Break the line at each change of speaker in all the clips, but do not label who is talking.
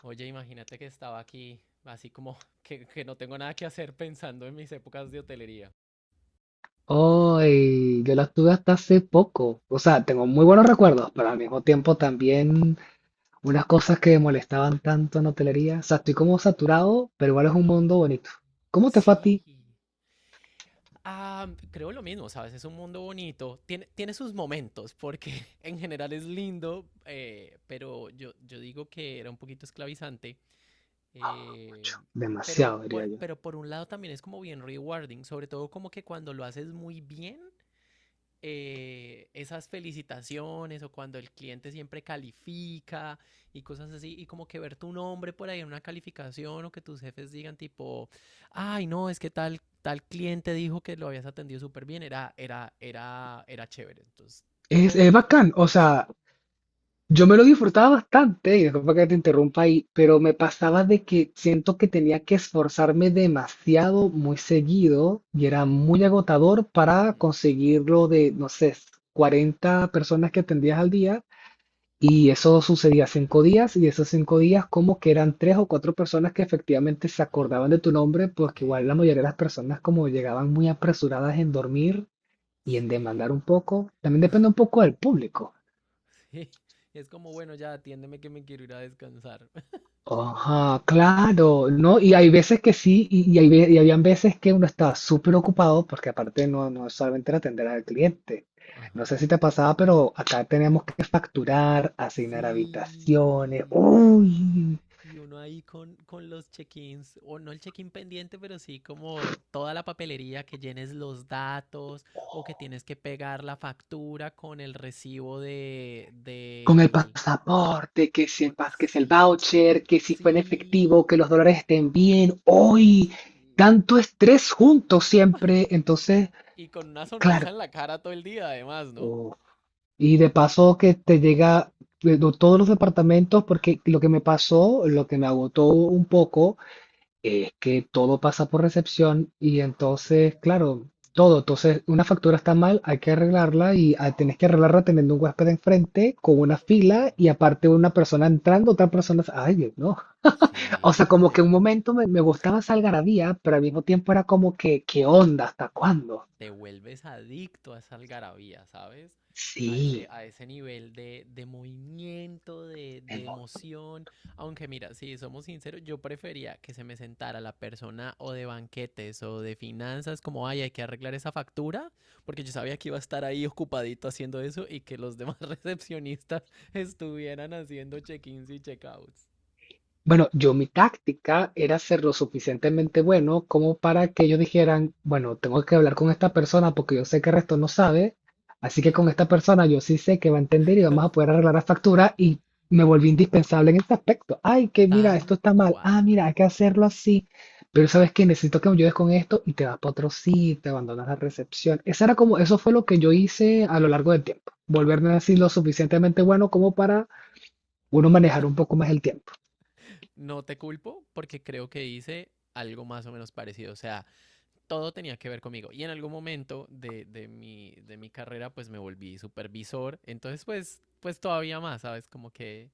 Oye, imagínate que estaba aquí, así como que no tengo nada que hacer pensando en mis épocas de hotelería.
Hoy, yo las tuve hasta hace poco. O sea, tengo muy buenos recuerdos, pero al mismo tiempo también unas cosas que me molestaban tanto en hotelería. O sea, estoy como saturado, pero igual es un mundo
Ajá.
bonito. ¿Cómo te fue a
Sí.
ti?
Ah, creo lo mismo, ¿sabes? Es un mundo bonito. Tiene sus momentos, porque en general es lindo, pero yo digo que era un poquito esclavizante. eh,
Mucho,
pero,
demasiado, diría
por,
yo.
pero por un lado también es como bien rewarding, sobre todo como que cuando lo haces muy bien, esas felicitaciones o cuando el cliente siempre califica y cosas así, y como que ver tu nombre por ahí en una calificación o que tus jefes digan tipo, ay, no, es que tal cliente dijo que lo habías atendido súper bien, era chévere. Entonces,
Es,
tengo,
es
tengo
bacán, o
mix.
sea, yo me lo disfrutaba bastante, y disculpa que te
Sí.
interrumpa ahí, pero me pasaba de que siento que tenía que esforzarme demasiado, muy seguido, y era muy agotador para
Mm.
conseguirlo de, no sé, 40 personas que atendías al día, y eso sucedía 5 días, y esos 5 días como que eran tres o cuatro personas que efectivamente se
Ajá.
acordaban de tu nombre, porque igual la
Sí.
mayoría de las personas como llegaban muy apresuradas en dormir y en demandar
Sí.
un poco, también depende un poco del público.
Sí. Es como, bueno, ya atiéndeme que me quiero ir a descansar.
Ajá, claro, ¿no? Y hay veces que sí, y habían veces que uno estaba súper ocupado, porque aparte no, no solamente era atender al cliente. No sé
Ajá.
si te pasaba, pero acá teníamos que facturar, asignar
Sí.
habitaciones, uy,
Y uno ahí con los check-ins, o no el check-in pendiente, pero sí como toda la papelería que llenes los datos o que tienes que pegar la factura con el recibo
con el
del,
pasaporte,
con,
que si el
sí,
voucher, que si fue en efectivo,
sí,
que los dólares estén bien,
ay,
uy,
sí.
tanto estrés juntos siempre. Entonces,
Y con una sonrisa
claro.
en la cara todo el día, además, ¿no?
Y de paso que te llega de todos los departamentos, porque lo que me pasó, lo que me agotó un poco, es que todo pasa por recepción y
Todo.
entonces, claro, todo. Entonces, una factura está mal, hay que arreglarla y tienes que arreglarla teniendo un huésped enfrente con una fila
Sí,
y aparte una persona entrando, otra persona. Ay, Dios, no. O sea,
sí,
como que un
llega.
momento me gustaba esa algarabía, pero al mismo tiempo era como que, ¿qué onda? ¿Hasta cuándo?
Te vuelves adicto a esa algarabía, ¿sabes?
Sí.
A ese nivel de movimiento, de emoción. Aunque mira, si somos sinceros, yo prefería que se me sentara la persona o de banquetes o de finanzas, como, ay, hay que arreglar esa factura, porque yo sabía que iba a estar ahí ocupadito haciendo eso y que los demás recepcionistas estuvieran haciendo check-ins y check-outs.
Bueno, yo mi táctica era ser lo suficientemente bueno como para que ellos dijeran, bueno, tengo que hablar con esta persona porque yo sé que el resto no sabe, así que con esta persona yo sí sé que va a entender y vamos a poder arreglar la factura y me volví indispensable en este aspecto. Ay, que mira,
Tal
esto está mal. Ah,
cual.
mira, hay que hacerlo así. Pero sabes que necesito que me ayudes con esto y te vas para otro sitio, te abandonas la recepción. Esa era como, eso fue lo que yo hice a lo largo del tiempo. Volverme así lo suficientemente bueno como para uno manejar un poco más el tiempo.
No te culpo porque creo que hice algo más o menos parecido. O sea, todo tenía que ver conmigo. Y en algún momento de mi carrera, pues me volví supervisor. Entonces, pues todavía más, ¿sabes? Como que,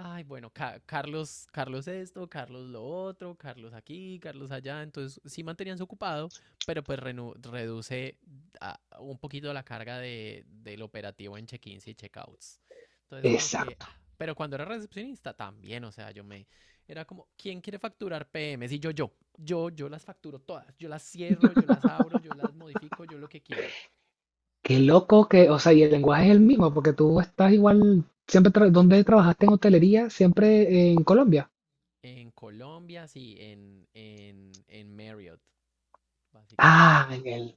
ay, bueno, Carlos, Carlos esto, Carlos lo otro, Carlos aquí, Carlos allá. Entonces sí mantenían su ocupado, pero pues reduce un poquito la carga del operativo en check-ins y check-outs. Entonces como que,
Exacto.
ah, pero cuando era recepcionista también, o sea, era como, ¿quién quiere facturar PMs? Y yo las facturo todas, yo las cierro, yo las abro, yo las modifico, yo lo que quieran.
Qué loco que, o sea, y el lenguaje es el mismo, porque tú estás igual, siempre, ¿dónde trabajaste en hotelería? Siempre en Colombia.
En Colombia, sí, en Marriott,
Ah,
básicamente.
en el.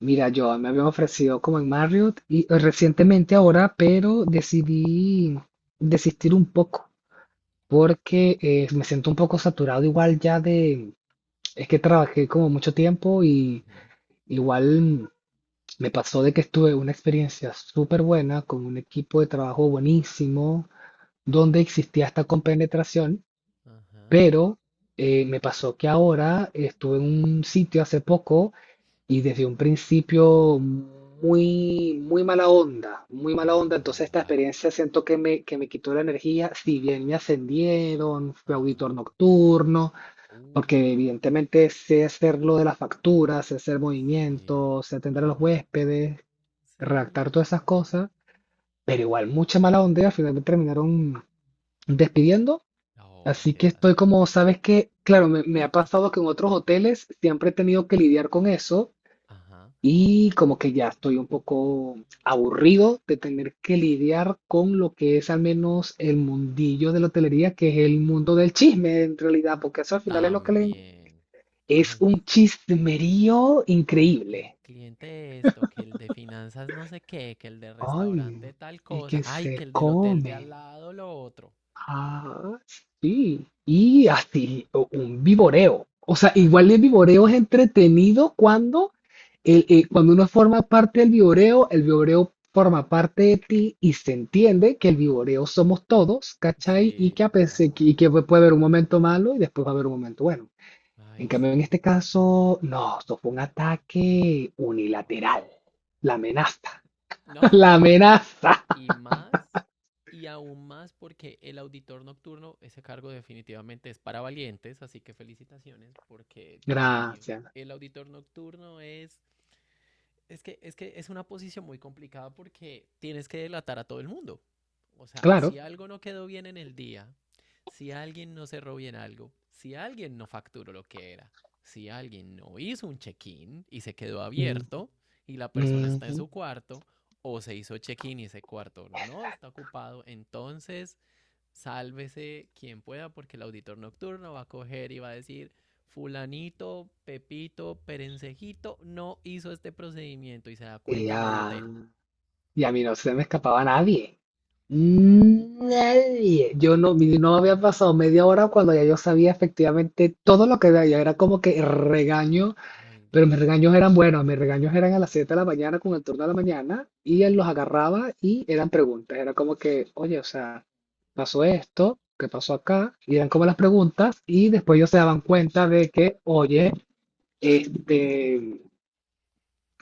Mira, yo me habían ofrecido como en Marriott y recientemente ahora, pero decidí desistir un poco porque me siento un poco saturado igual ya de, es que trabajé como mucho tiempo y
Ujú.
igual me pasó de que estuve una experiencia súper buena con un equipo de trabajo buenísimo donde existía esta compenetración.
Ajá,
Pero me pasó que ahora estuve en un sitio hace poco y desde un principio muy, muy mala onda, muy mala onda.
ajá.
Entonces esta
Ah,
experiencia siento que que me quitó la energía, si bien me ascendieron, fui
ah,
auditor nocturno, porque
uh,
evidentemente sé hacer lo de las facturas, sé hacer
sí,
movimientos, sé atender a los
ajá,
huéspedes, redactar
sí.
todas esas cosas, pero igual mucha mala onda, y al final me terminaron despidiendo.
Oh,
Así
qué
que estoy
lástima.
como, sabes que, claro, me ha pasado que en otros hoteles siempre he tenido que lidiar con eso
Ajá,
y como que ya estoy un poco aburrido de tener que lidiar con lo que es al menos el mundillo de la hotelería, que es el mundo del chisme en realidad, porque eso al final es lo que le.
también.
Es
Ay,
un
sí,
chismerío
ay, que el
increíble.
cliente esto, que el de finanzas no sé qué, que el de
Ay,
restaurante tal
y
cosa,
que
ay, que
se
el del hotel de al
come.
lado lo otro.
Ah, sí. Y así, un viboreo. O sea, igual el viboreo es entretenido cuando, cuando uno forma parte del viboreo, el viboreo forma parte de ti y se entiende que el viboreo somos todos, ¿cachai? Y que, a
Sí, de
pesar,
acuerdo.
y que puede haber un momento malo y después va a haber un momento bueno. En
Ay,
cambio, en
sí.
este caso, no, esto fue un ataque unilateral.
Wow.
La amenaza,
No,
la amenaza.
y más, y aún más porque el auditor nocturno, ese cargo definitivamente es para valientes, así que felicitaciones porque, Dios mío,
Gracias.
el auditor nocturno es que es una posición muy complicada porque tienes que delatar a todo el mundo. O sea, si
Claro.
algo no quedó bien en el día, si alguien no cerró bien algo, si alguien no facturó lo que era, si alguien no hizo un check-in y se quedó
Mm,
abierto y la persona
mm.
está en
Mm.
su cuarto, o se hizo check-in y ese cuarto no está ocupado, entonces sálvese quien pueda, porque el auditor nocturno va a coger y va a decir, fulanito, pepito, perencejito, no hizo este procedimiento y se da
Y
cuenta medio
a,
hotel.
y a mí no se me escapaba nadie. Nadie. Yo no, no había pasado media hora cuando ya yo sabía efectivamente todo lo que había. Era como que regaño,
Ay,
pero
Dios
mis
mío.
regaños eran buenos. Mis regaños eran a las 7 de la mañana con el turno de la mañana y él
Mm,
los
claro.
agarraba y eran preguntas. Era como que, oye, o sea, pasó esto, ¿qué pasó acá? Y eran como las
Ajá.
preguntas y después ellos se daban cuenta de que, oye, este,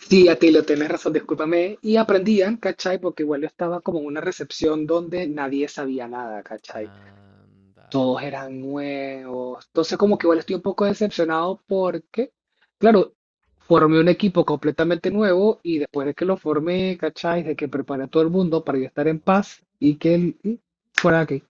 sí, a ti lo tenés razón, discúlpame. Y aprendían, ¿cachai? Porque igual yo estaba como en una recepción donde nadie sabía nada, ¿cachai?
Anda.
Todos eran nuevos. Entonces, como que igual
No.
estoy un poco decepcionado porque, claro, formé un equipo completamente nuevo y después de que lo formé, ¿cachai? De que preparé a todo el mundo para yo estar en
Ajá.
paz y que él y fuera aquí.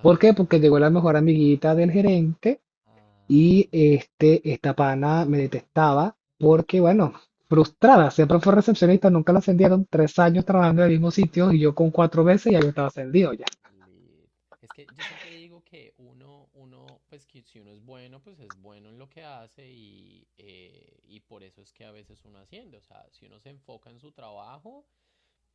¿Por qué?
no.
Porque llegó la mejor amiguita del gerente
Ah,
y
no.
esta pana me detestaba porque, bueno, frustrada, siempre fue recepcionista, nunca la ascendieron, 3 años
Ah, no.
trabajando en el mismo sitio y yo con cuatro veces ya yo estaba ascendido ya.
Lit. Es que yo siempre digo que uno, pues que si uno es bueno, pues es bueno en lo que hace y por eso es que a veces uno haciendo, o sea, si uno se enfoca en su trabajo,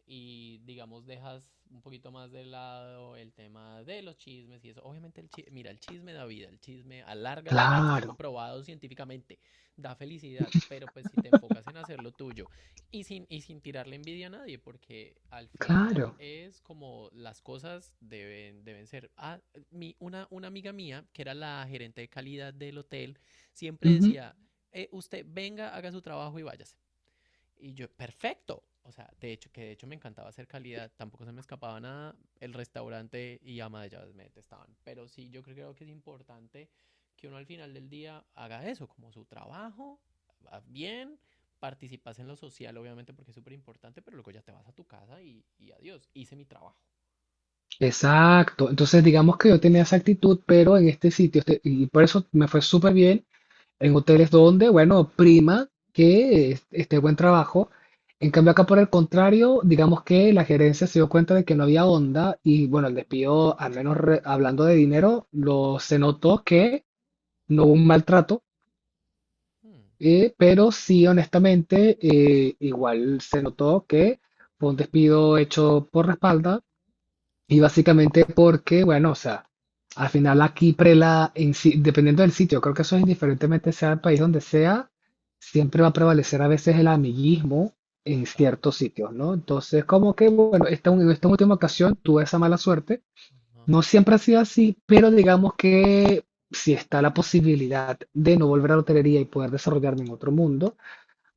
y digamos dejas un poquito más de lado el tema de los chismes y eso. Obviamente el chisme, mira, el chisme da vida, el chisme alarga la vida, está
Claro,
comprobado científicamente, da felicidad, pero pues si te enfocas en hacer lo tuyo y sin tirarle envidia a nadie, porque al final
claro.
es como las cosas deben ser. Ah, una amiga mía, que era la gerente de calidad del hotel, siempre
Ujú.
decía, usted venga, haga su trabajo y váyase. Y yo, perfecto. O sea, de hecho, que de hecho me encantaba hacer calidad, tampoco se me escapaba nada. El restaurante y ama de llaves me detestaban. Pero sí, yo creo, que es importante que uno al final del día haga eso, como su trabajo, va bien, participas en lo social, obviamente, porque es súper importante, pero luego ya te vas a tu casa y adiós, hice mi trabajo.
Exacto. Entonces, digamos que yo tenía esa actitud, pero en este sitio, y por eso me fue súper bien en hoteles donde, bueno, prima que esté buen trabajo. En cambio, acá por el contrario, digamos que la gerencia se dio cuenta de que no había onda y bueno, el despido, al menos hablando de dinero, se notó que no hubo un maltrato,
Hmm.
pero sí, honestamente, igual se notó que fue un despido hecho por la espalda y básicamente porque, bueno, o sea, al final aquí prela, en si- dependiendo del sitio, creo que eso es indiferentemente sea el país donde sea, siempre va a prevalecer a veces el amiguismo en
Total.
ciertos sitios, ¿no? Entonces, como que, bueno, esta, en esta última ocasión tuve esa mala suerte.
Ajá.
No siempre ha sido así, pero digamos que si está la posibilidad de no volver a la hotelería y poder desarrollarme en otro mundo,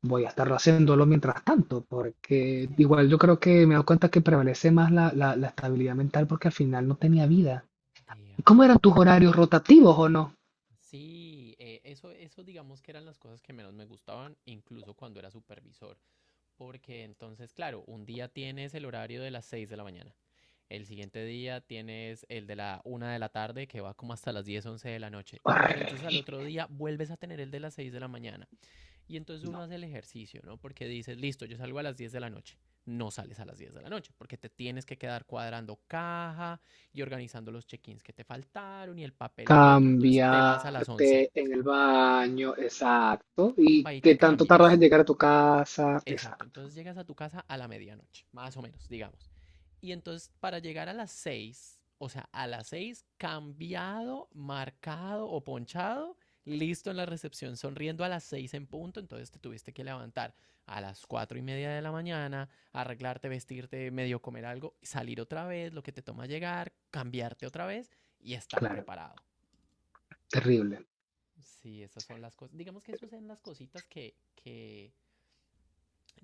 voy a estarlo haciéndolo mientras tanto, porque
Sí,
igual yo creo que me he dado cuenta que prevalece más la estabilidad mental porque al final no tenía vida.
de
¿Cómo eran tus
acuerdo.
horarios rotativos o no?
Sí, eso digamos que eran las cosas que menos me gustaban, incluso cuando era supervisor. Porque entonces, claro, un día tienes el horario de las 6 de la mañana. El siguiente día tienes el de la 1 de la tarde que va como hasta las 10, 11 de la noche. Pero entonces al otro día vuelves a tener el de las 6 de la mañana. Y entonces uno
No.
hace el ejercicio, ¿no? Porque dices, listo, yo salgo a las 10 de la noche. No sales a las 10 de la noche porque te tienes que quedar cuadrando caja y organizando los check-ins que te faltaron y el papel y el otro. Entonces te vas a las 11.
Cambiarte en el baño, exacto.
Y
¿Y
va y
qué
te
tanto tardas
cambias.
en llegar a tu casa?
Exacto,
Exacto,
entonces llegas a tu casa a la medianoche, más o menos, digamos. Y entonces para llegar a las 6, o sea, a las 6 cambiado, marcado o ponchado, listo en la recepción, sonriendo a las 6 en punto, entonces te tuviste que levantar a las 4:30 de la mañana, arreglarte, vestirte, medio comer algo, salir otra vez, lo que te toma llegar, cambiarte otra vez y estar
claro,
preparado.
terrible.
Sí, esas son las cosas. Digamos que esas son las cositas que, que,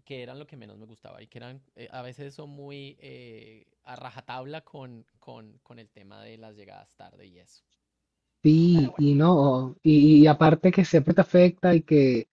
que eran lo que menos me gustaba y que eran, a veces son muy a rajatabla con el tema de las llegadas tarde y eso. Pero
Sí,
bueno.
y no, y aparte que siempre te afecta y que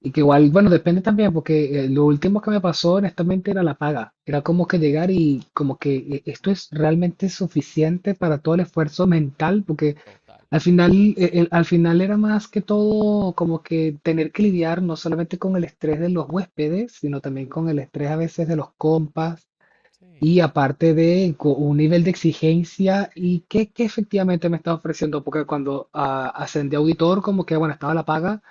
y que igual, bueno, depende también, porque lo último que me pasó honestamente era la paga. Era como que llegar y como que esto es realmente suficiente para todo el esfuerzo mental, porque
Total.
al final, al final era más que todo como que tener que lidiar no solamente con el estrés de los huéspedes, sino también
Mm.
con el estrés a veces de los compas
Sí.
y aparte de un nivel de exigencia y qué, qué efectivamente me estaba ofreciendo, porque cuando ascendí a auditor, como que, bueno, estaba la paga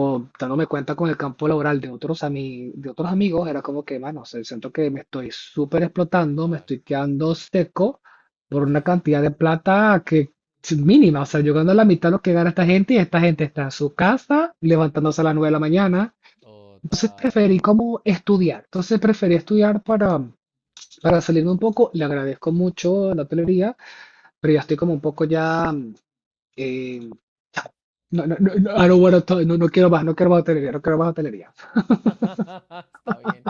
Mm.
dándome cuenta con el campo laboral de otros, de otros amigos, era como que, mano, o sea, siento que me estoy súper explotando, me
Total.
estoy quedando seco por una
Sí.
cantidad de plata que es mínima. O sea, yo gano la mitad de lo que gana esta gente y esta gente está en su casa levantándose a las 9 de la mañana. Entonces
Total.
preferí como estudiar. Entonces preferí estudiar para salirme un poco. Le agradezco mucho la hotelería, pero ya estoy como un poco ya. Mm, eh, no, no, no, no, I don't wanna talk- no, no quiero más, no quiero más hotelería, no quiero más hotelería.
Está bien.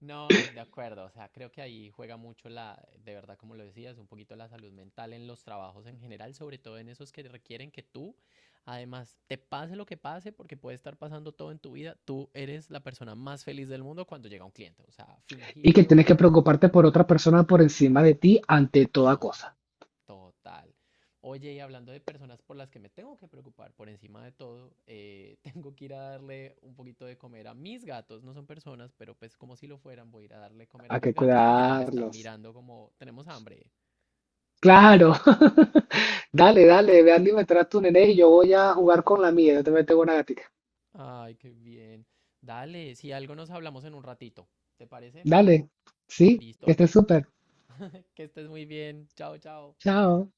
No, de acuerdo. O sea, creo que ahí juega mucho la, de verdad, como lo decías, un poquito la salud mental en los trabajos en general, sobre todo en esos que requieren que tú, además, te pase lo que pase, porque puede estar pasando todo en tu vida, tú eres la persona más feliz del mundo cuando llega un cliente. O sea,
Y que
fingido,
tienes que preocuparte por otra persona por encima de ti ante toda
no,
cosa.
total. Oye, y hablando de personas por las que me tengo que preocupar, por encima de todo, tengo que ir a darle un poquito de comer a mis gatos. No son personas, pero pues como si lo fueran, voy a ir a darle comer a
Hay
mis
que
gatos porque ya me están
cuidarlos.
mirando como tenemos hambre.
Claro. Dale, dale, ve a alimentar a tu nene y yo voy a jugar con la mía. Yo te tengo una gatica.
Ay, qué bien. Dale, si algo nos hablamos en un ratito. ¿Te parece?
Dale. Sí, que
Listo.
estés súper.
Que estés muy bien. Chao, chao.
Chao.